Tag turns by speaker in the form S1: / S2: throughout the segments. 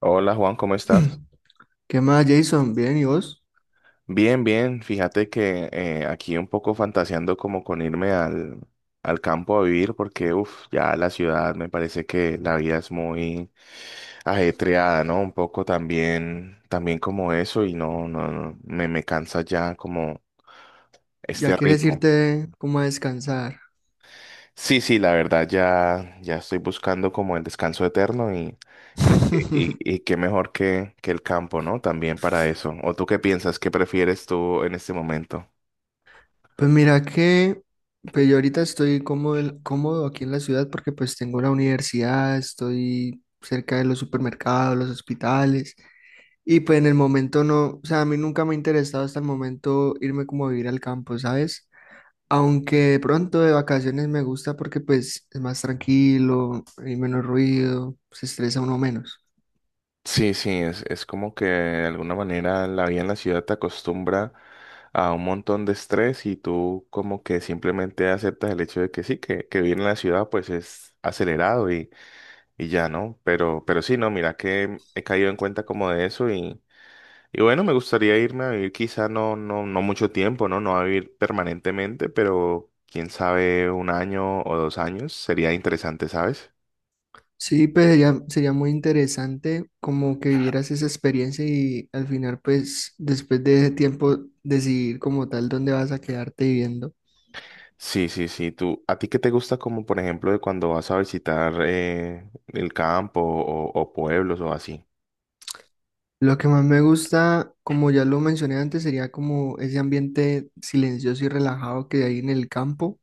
S1: Hola Juan, ¿cómo estás?
S2: ¿Qué más, Jason? Bien, ¿y vos?
S1: Bien, bien. Fíjate que aquí un poco fantaseando como con irme al campo a vivir porque, uff, ya la ciudad me parece que la vida es muy ajetreada, ¿no? Un poco también como eso y no, no, no, me cansa ya como
S2: ¿Ya
S1: este
S2: quieres
S1: ritmo.
S2: irte como a descansar?
S1: Sí, sí, la verdad ya, estoy buscando como el descanso eterno y qué mejor que el campo, ¿no? También para eso. ¿O tú qué piensas? ¿Qué prefieres tú en este momento?
S2: Pues mira que pues yo ahorita estoy cómodo, cómodo aquí en la ciudad porque pues tengo la universidad, estoy cerca de los supermercados, los hospitales y pues en el momento no, o sea, a mí nunca me ha interesado hasta el momento irme como a vivir al campo, ¿sabes? Aunque de pronto de vacaciones me gusta porque pues es más tranquilo, hay menos ruido, se estresa uno menos.
S1: Sí, sí, es como que de alguna manera la vida en la ciudad te acostumbra a un montón de estrés y tú como que simplemente aceptas el hecho de que sí, que vivir en la ciudad pues es acelerado y, ya, ¿no? Pero sí, no, mira que he caído en cuenta como de eso y bueno, me gustaría irme a vivir quizá no, no, no mucho tiempo, ¿no? No a vivir permanentemente, pero quién sabe, un año o 2 años sería interesante, ¿sabes?
S2: Sí, pues sería muy interesante como que vivieras esa experiencia y al final, pues después de ese tiempo, decidir como tal dónde vas a quedarte viviendo.
S1: Sí, sí, sí. Tú, ¿a ti qué te gusta como, por ejemplo, de cuando vas a visitar el campo o pueblos o así?
S2: Lo que más me gusta, como ya lo mencioné antes, sería como ese ambiente silencioso y relajado que hay en el campo.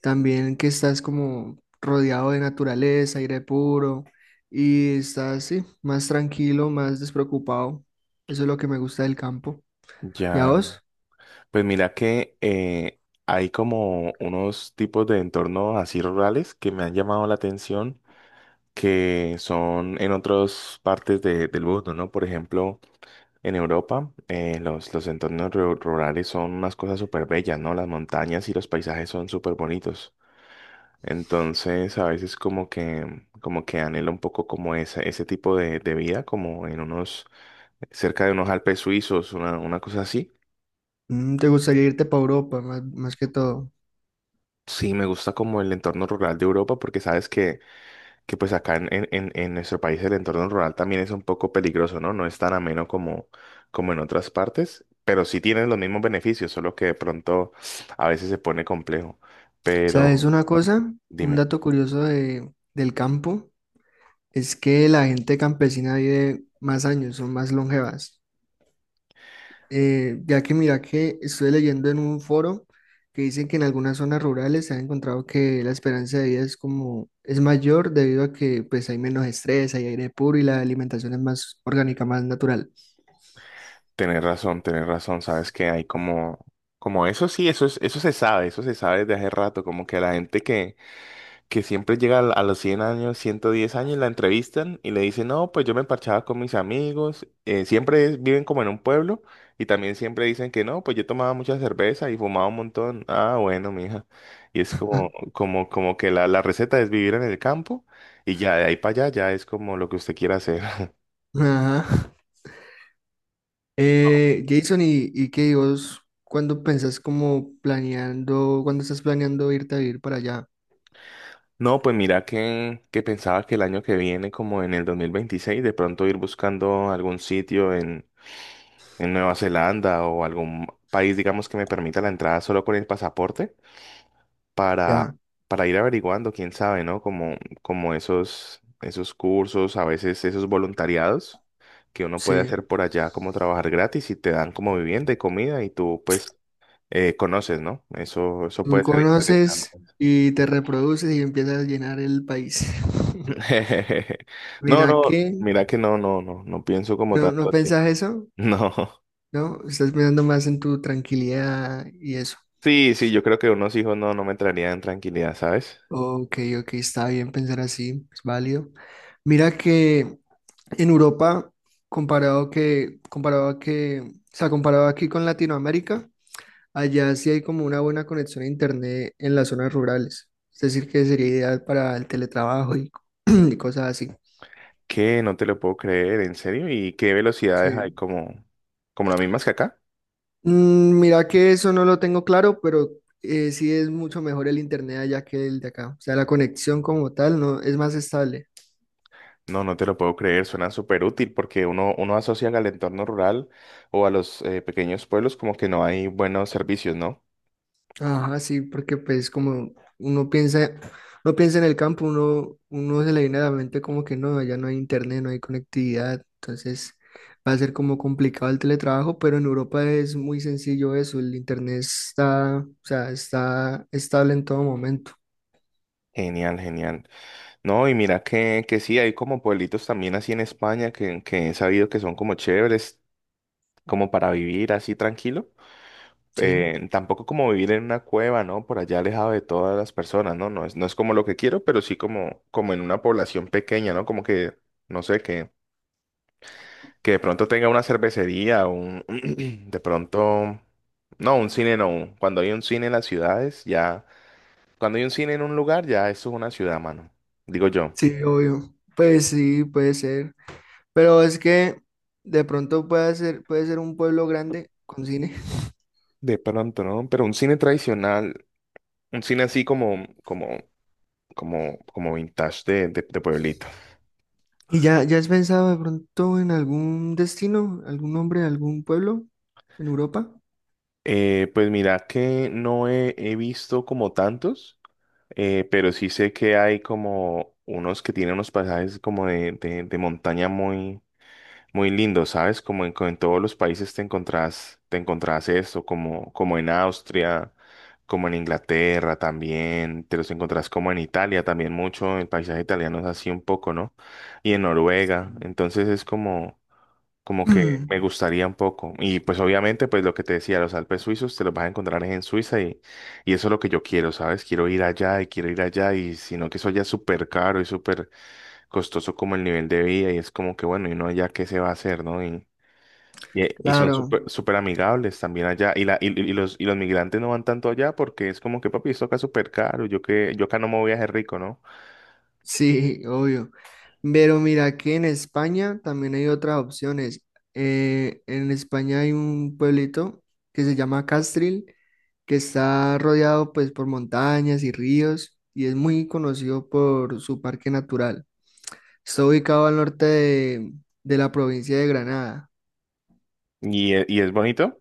S2: También que estás como rodeado de naturaleza, aire puro y estás, sí, más tranquilo, más despreocupado. Eso es lo que me gusta del campo. ¿Y a
S1: Ya.
S2: vos?
S1: Pues mira que hay como unos tipos de entornos así rurales que me han llamado la atención que son en otras partes del mundo, ¿no? Por ejemplo, en Europa, los entornos rurales son unas cosas súper bellas, ¿no? Las montañas y los paisajes son súper bonitos. Entonces, a veces como que anhelo un poco como ese, tipo de vida, como en cerca de unos Alpes suizos, una cosa así.
S2: ¿Te gustaría irte para Europa, más, más que todo?
S1: Sí, me gusta como el entorno rural de Europa, porque sabes que pues acá en nuestro país el entorno rural también es un poco peligroso, ¿no? No es tan ameno como en otras partes, pero sí tienen los mismos beneficios, solo que de pronto a veces se pone complejo.
S2: ¿Sabes
S1: Pero,
S2: una cosa? Un
S1: dime.
S2: dato curioso del campo es que la gente campesina vive más años, son más longevas. Ya que mira que estoy leyendo en un foro que dicen que en algunas zonas rurales se ha encontrado que la esperanza de vida es como es mayor debido a que pues hay menos estrés, hay aire puro y la alimentación es más orgánica, más natural.
S1: Tenés razón, sabes que hay como eso sí, eso es, eso se sabe desde hace rato, como que la gente que, siempre llega a los 100 años, 110 años, la entrevistan y le dicen, no, pues yo me parchaba con mis amigos, siempre viven como en un pueblo y también siempre dicen que no, pues yo tomaba mucha cerveza y fumaba un montón, ah, bueno, mija, y es como, como, como que la, receta es vivir en el campo y ya de ahí para allá ya es como lo que usted quiera hacer.
S2: Ajá. Jason, y qué vos cuando pensás como planeando, cuando estás planeando irte a vivir para allá?
S1: No, pues mira que, pensaba que el año que viene, como en el 2026, de pronto ir buscando algún sitio en Nueva Zelanda o algún país, digamos, que me permita la entrada solo con el pasaporte para,
S2: Ya,
S1: para ir averiguando, quién sabe, ¿no? Como esos cursos, a veces esos voluntariados que uno puede
S2: sí.
S1: hacer por allá, como trabajar gratis y te dan como vivienda y comida y tú pues conoces, ¿no? Eso
S2: Tú
S1: puede ser interesante.
S2: conoces y te reproduces y empiezas a llenar el país.
S1: No,
S2: Mira
S1: no,
S2: que,
S1: mira que no, no, no, no pienso como
S2: ¿no,
S1: tanto
S2: no
S1: así.
S2: pensás eso?
S1: No.
S2: ¿No? Estás pensando más en tu tranquilidad y eso.
S1: Sí, sí, yo creo que unos hijos no, no, me traerían tranquilidad, ¿sabes?
S2: Ok, ok, está bien pensar así, es válido. Mira que en Europa, comparado a que, o sea, comparado aquí con Latinoamérica, allá sí hay como una buena conexión a internet en las zonas rurales. Es decir, que sería ideal para el teletrabajo y, y cosas así.
S1: Que no te lo puedo creer, en serio. ¿Y qué velocidades hay
S2: Sí.
S1: como las mismas que acá?
S2: Mm, mira que eso no lo tengo claro, pero sí es mucho mejor el internet allá que el de acá. O sea, la conexión como tal no es más estable.
S1: No, no te lo puedo creer, suena súper útil porque uno, asocia al entorno rural o a los pequeños pueblos como que no hay buenos servicios, ¿no?
S2: Ajá, sí, porque pues como uno piensa en el campo, uno, uno se le viene a la mente como que no, allá no hay internet, no hay conectividad, entonces va a ser como complicado el teletrabajo, pero en Europa es muy sencillo eso, el internet está, o sea, está estable en todo momento,
S1: Genial, genial. No, y mira que, sí, hay como pueblitos también así en España que he sabido que son como chéveres, como para vivir así tranquilo.
S2: sí,
S1: Tampoco como vivir en una cueva, ¿no? Por allá alejado de todas las personas, ¿no? No es como lo que quiero, pero sí como en una población pequeña, ¿no? Como que, no sé, que de pronto tenga una cervecería, un, de pronto, no, un cine no. Cuando hay un cine en las ciudades, ya, cuando hay un cine en un lugar, ya eso es una ciudad, mano. Digo yo.
S2: sí, obvio, pues sí, puede ser, pero es que de pronto puede ser un pueblo grande con cine.
S1: De pronto, ¿no? Pero un cine tradicional, un cine así como vintage de, de pueblito.
S2: ¿Y ya, ya has pensado de pronto en algún destino, algún nombre, algún pueblo en Europa?
S1: Pues mira que no he visto como tantos, pero sí sé que hay como unos que tienen unos pasajes como de, de montaña muy, muy lindos, ¿sabes? Como en, en todos los países te encontrás, esto, como en Austria, como en Inglaterra también, te los encontrás como en Italia también mucho, el paisaje italiano es así un poco, ¿no? Y en Noruega, entonces es como, como que
S2: Mm.
S1: me gustaría un poco. Y pues obviamente, pues lo que te decía, los Alpes suizos te los vas a encontrar en Suiza y, eso es lo que yo quiero, ¿sabes? Quiero ir allá y quiero ir allá y sino que eso ya es súper caro y súper costoso como el nivel de vida y es como que bueno, y uno ya qué se va a hacer, ¿no? y son
S2: Claro,
S1: súper súper amigables también allá y, la, y los migrantes no van tanto allá porque es como que papi, esto acá es súper caro, yo que yo acá no me voy a hacer rico, ¿no?
S2: sí, obvio. Pero mira que en España también hay otras opciones. En España hay un pueblito que se llama Castril, que está rodeado pues por montañas y ríos y es muy conocido por su parque natural. Está ubicado al norte de la provincia de Granada.
S1: Y es bonito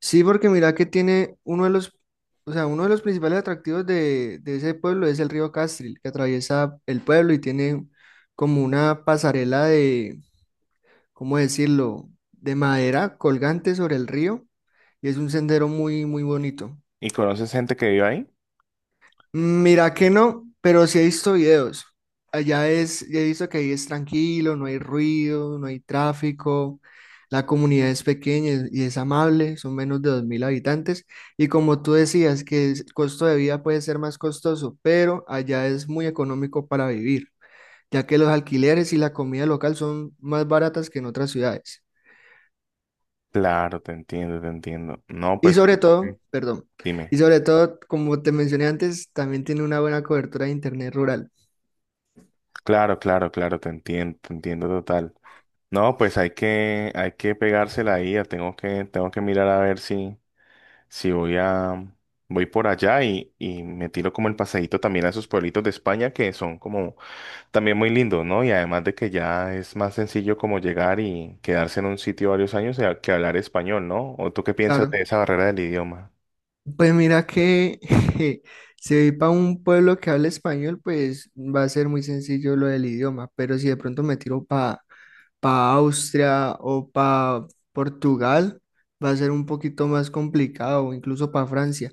S2: Sí, porque mira que tiene uno de los, o sea, uno de los principales atractivos de ese pueblo es el río Castril, que atraviesa el pueblo y tiene como una pasarela de, ¿cómo decirlo?, de madera colgante sobre el río y es un sendero muy, muy bonito.
S1: y conoces gente que vive ahí.
S2: Mira que no, pero sí he visto videos. Allá es, he visto que ahí es tranquilo, no hay ruido, no hay tráfico, la comunidad es pequeña y es amable, son menos de 2000 habitantes. Y como tú decías, que el costo de vida puede ser más costoso, pero allá es muy económico para vivir, ya que los alquileres y la comida local son más baratas que en otras ciudades.
S1: Claro, te entiendo, te entiendo. No,
S2: Y
S1: pues...
S2: sobre todo, perdón,
S1: Dime.
S2: y sobre todo, como te mencioné antes, también tiene una buena cobertura de internet rural.
S1: Claro, claro, claro, te entiendo total. No, pues hay que pegársela ahí, ya tengo que mirar a ver si, voy por allá y me tiro como el paseíto también a esos pueblitos de España que son como también muy lindos, ¿no? Y además de que ya es más sencillo como llegar y quedarse en un sitio varios años que hablar español, ¿no? ¿O tú qué piensas
S2: Claro,
S1: de esa barrera del idioma?
S2: pues mira que si voy para un pueblo que habla español, pues va a ser muy sencillo lo del idioma, pero si de pronto me tiro para pa Austria o para Portugal, va a ser un poquito más complicado, o incluso para Francia.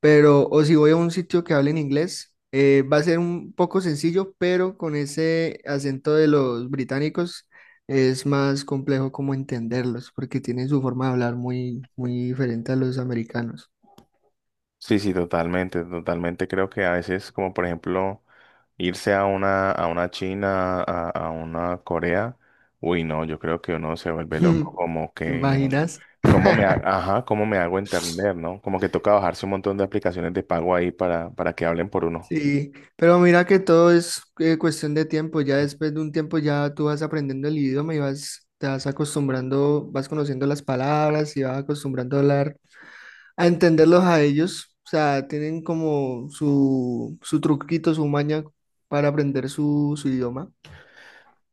S2: Pero, o si voy a un sitio que hable en inglés, va a ser un poco sencillo, pero con ese acento de los británicos es más complejo como entenderlos, porque tienen su forma de hablar muy, muy diferente a los americanos.
S1: Sí, sí, totalmente, totalmente. Creo que a veces, como por ejemplo, irse a una, China, a una Corea, uy, no, yo creo que uno se vuelve loco, como
S2: ¿Te
S1: que no,
S2: imaginas?
S1: cómo ajá, cómo me hago entender, ¿no? Como que toca bajarse un montón de aplicaciones de pago ahí para, que hablen por uno.
S2: Sí, pero mira que todo es cuestión de tiempo. Ya después de un tiempo ya tú vas aprendiendo el idioma y vas, te vas acostumbrando, vas conociendo las palabras y vas acostumbrando a hablar, a entenderlos a ellos. O sea, tienen como su truquito, su maña para aprender su, su idioma.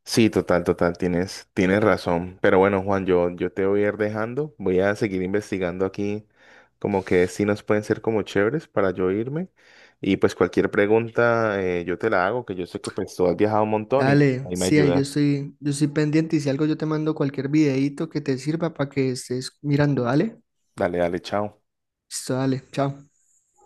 S1: Sí, total, total, tienes razón. Pero bueno, Juan, yo te voy a ir dejando. Voy a seguir investigando aquí como que sí nos pueden ser como chéveres para yo irme. Y pues cualquier pregunta yo te la hago, que yo sé que pues tú has viajado un montón y
S2: Dale,
S1: ahí me
S2: sí, ahí
S1: ayudas.
S2: yo estoy pendiente y si algo yo te mando cualquier videíto que te sirva para que estés mirando. Dale,
S1: Dale, dale, chao.
S2: listo, dale, chao.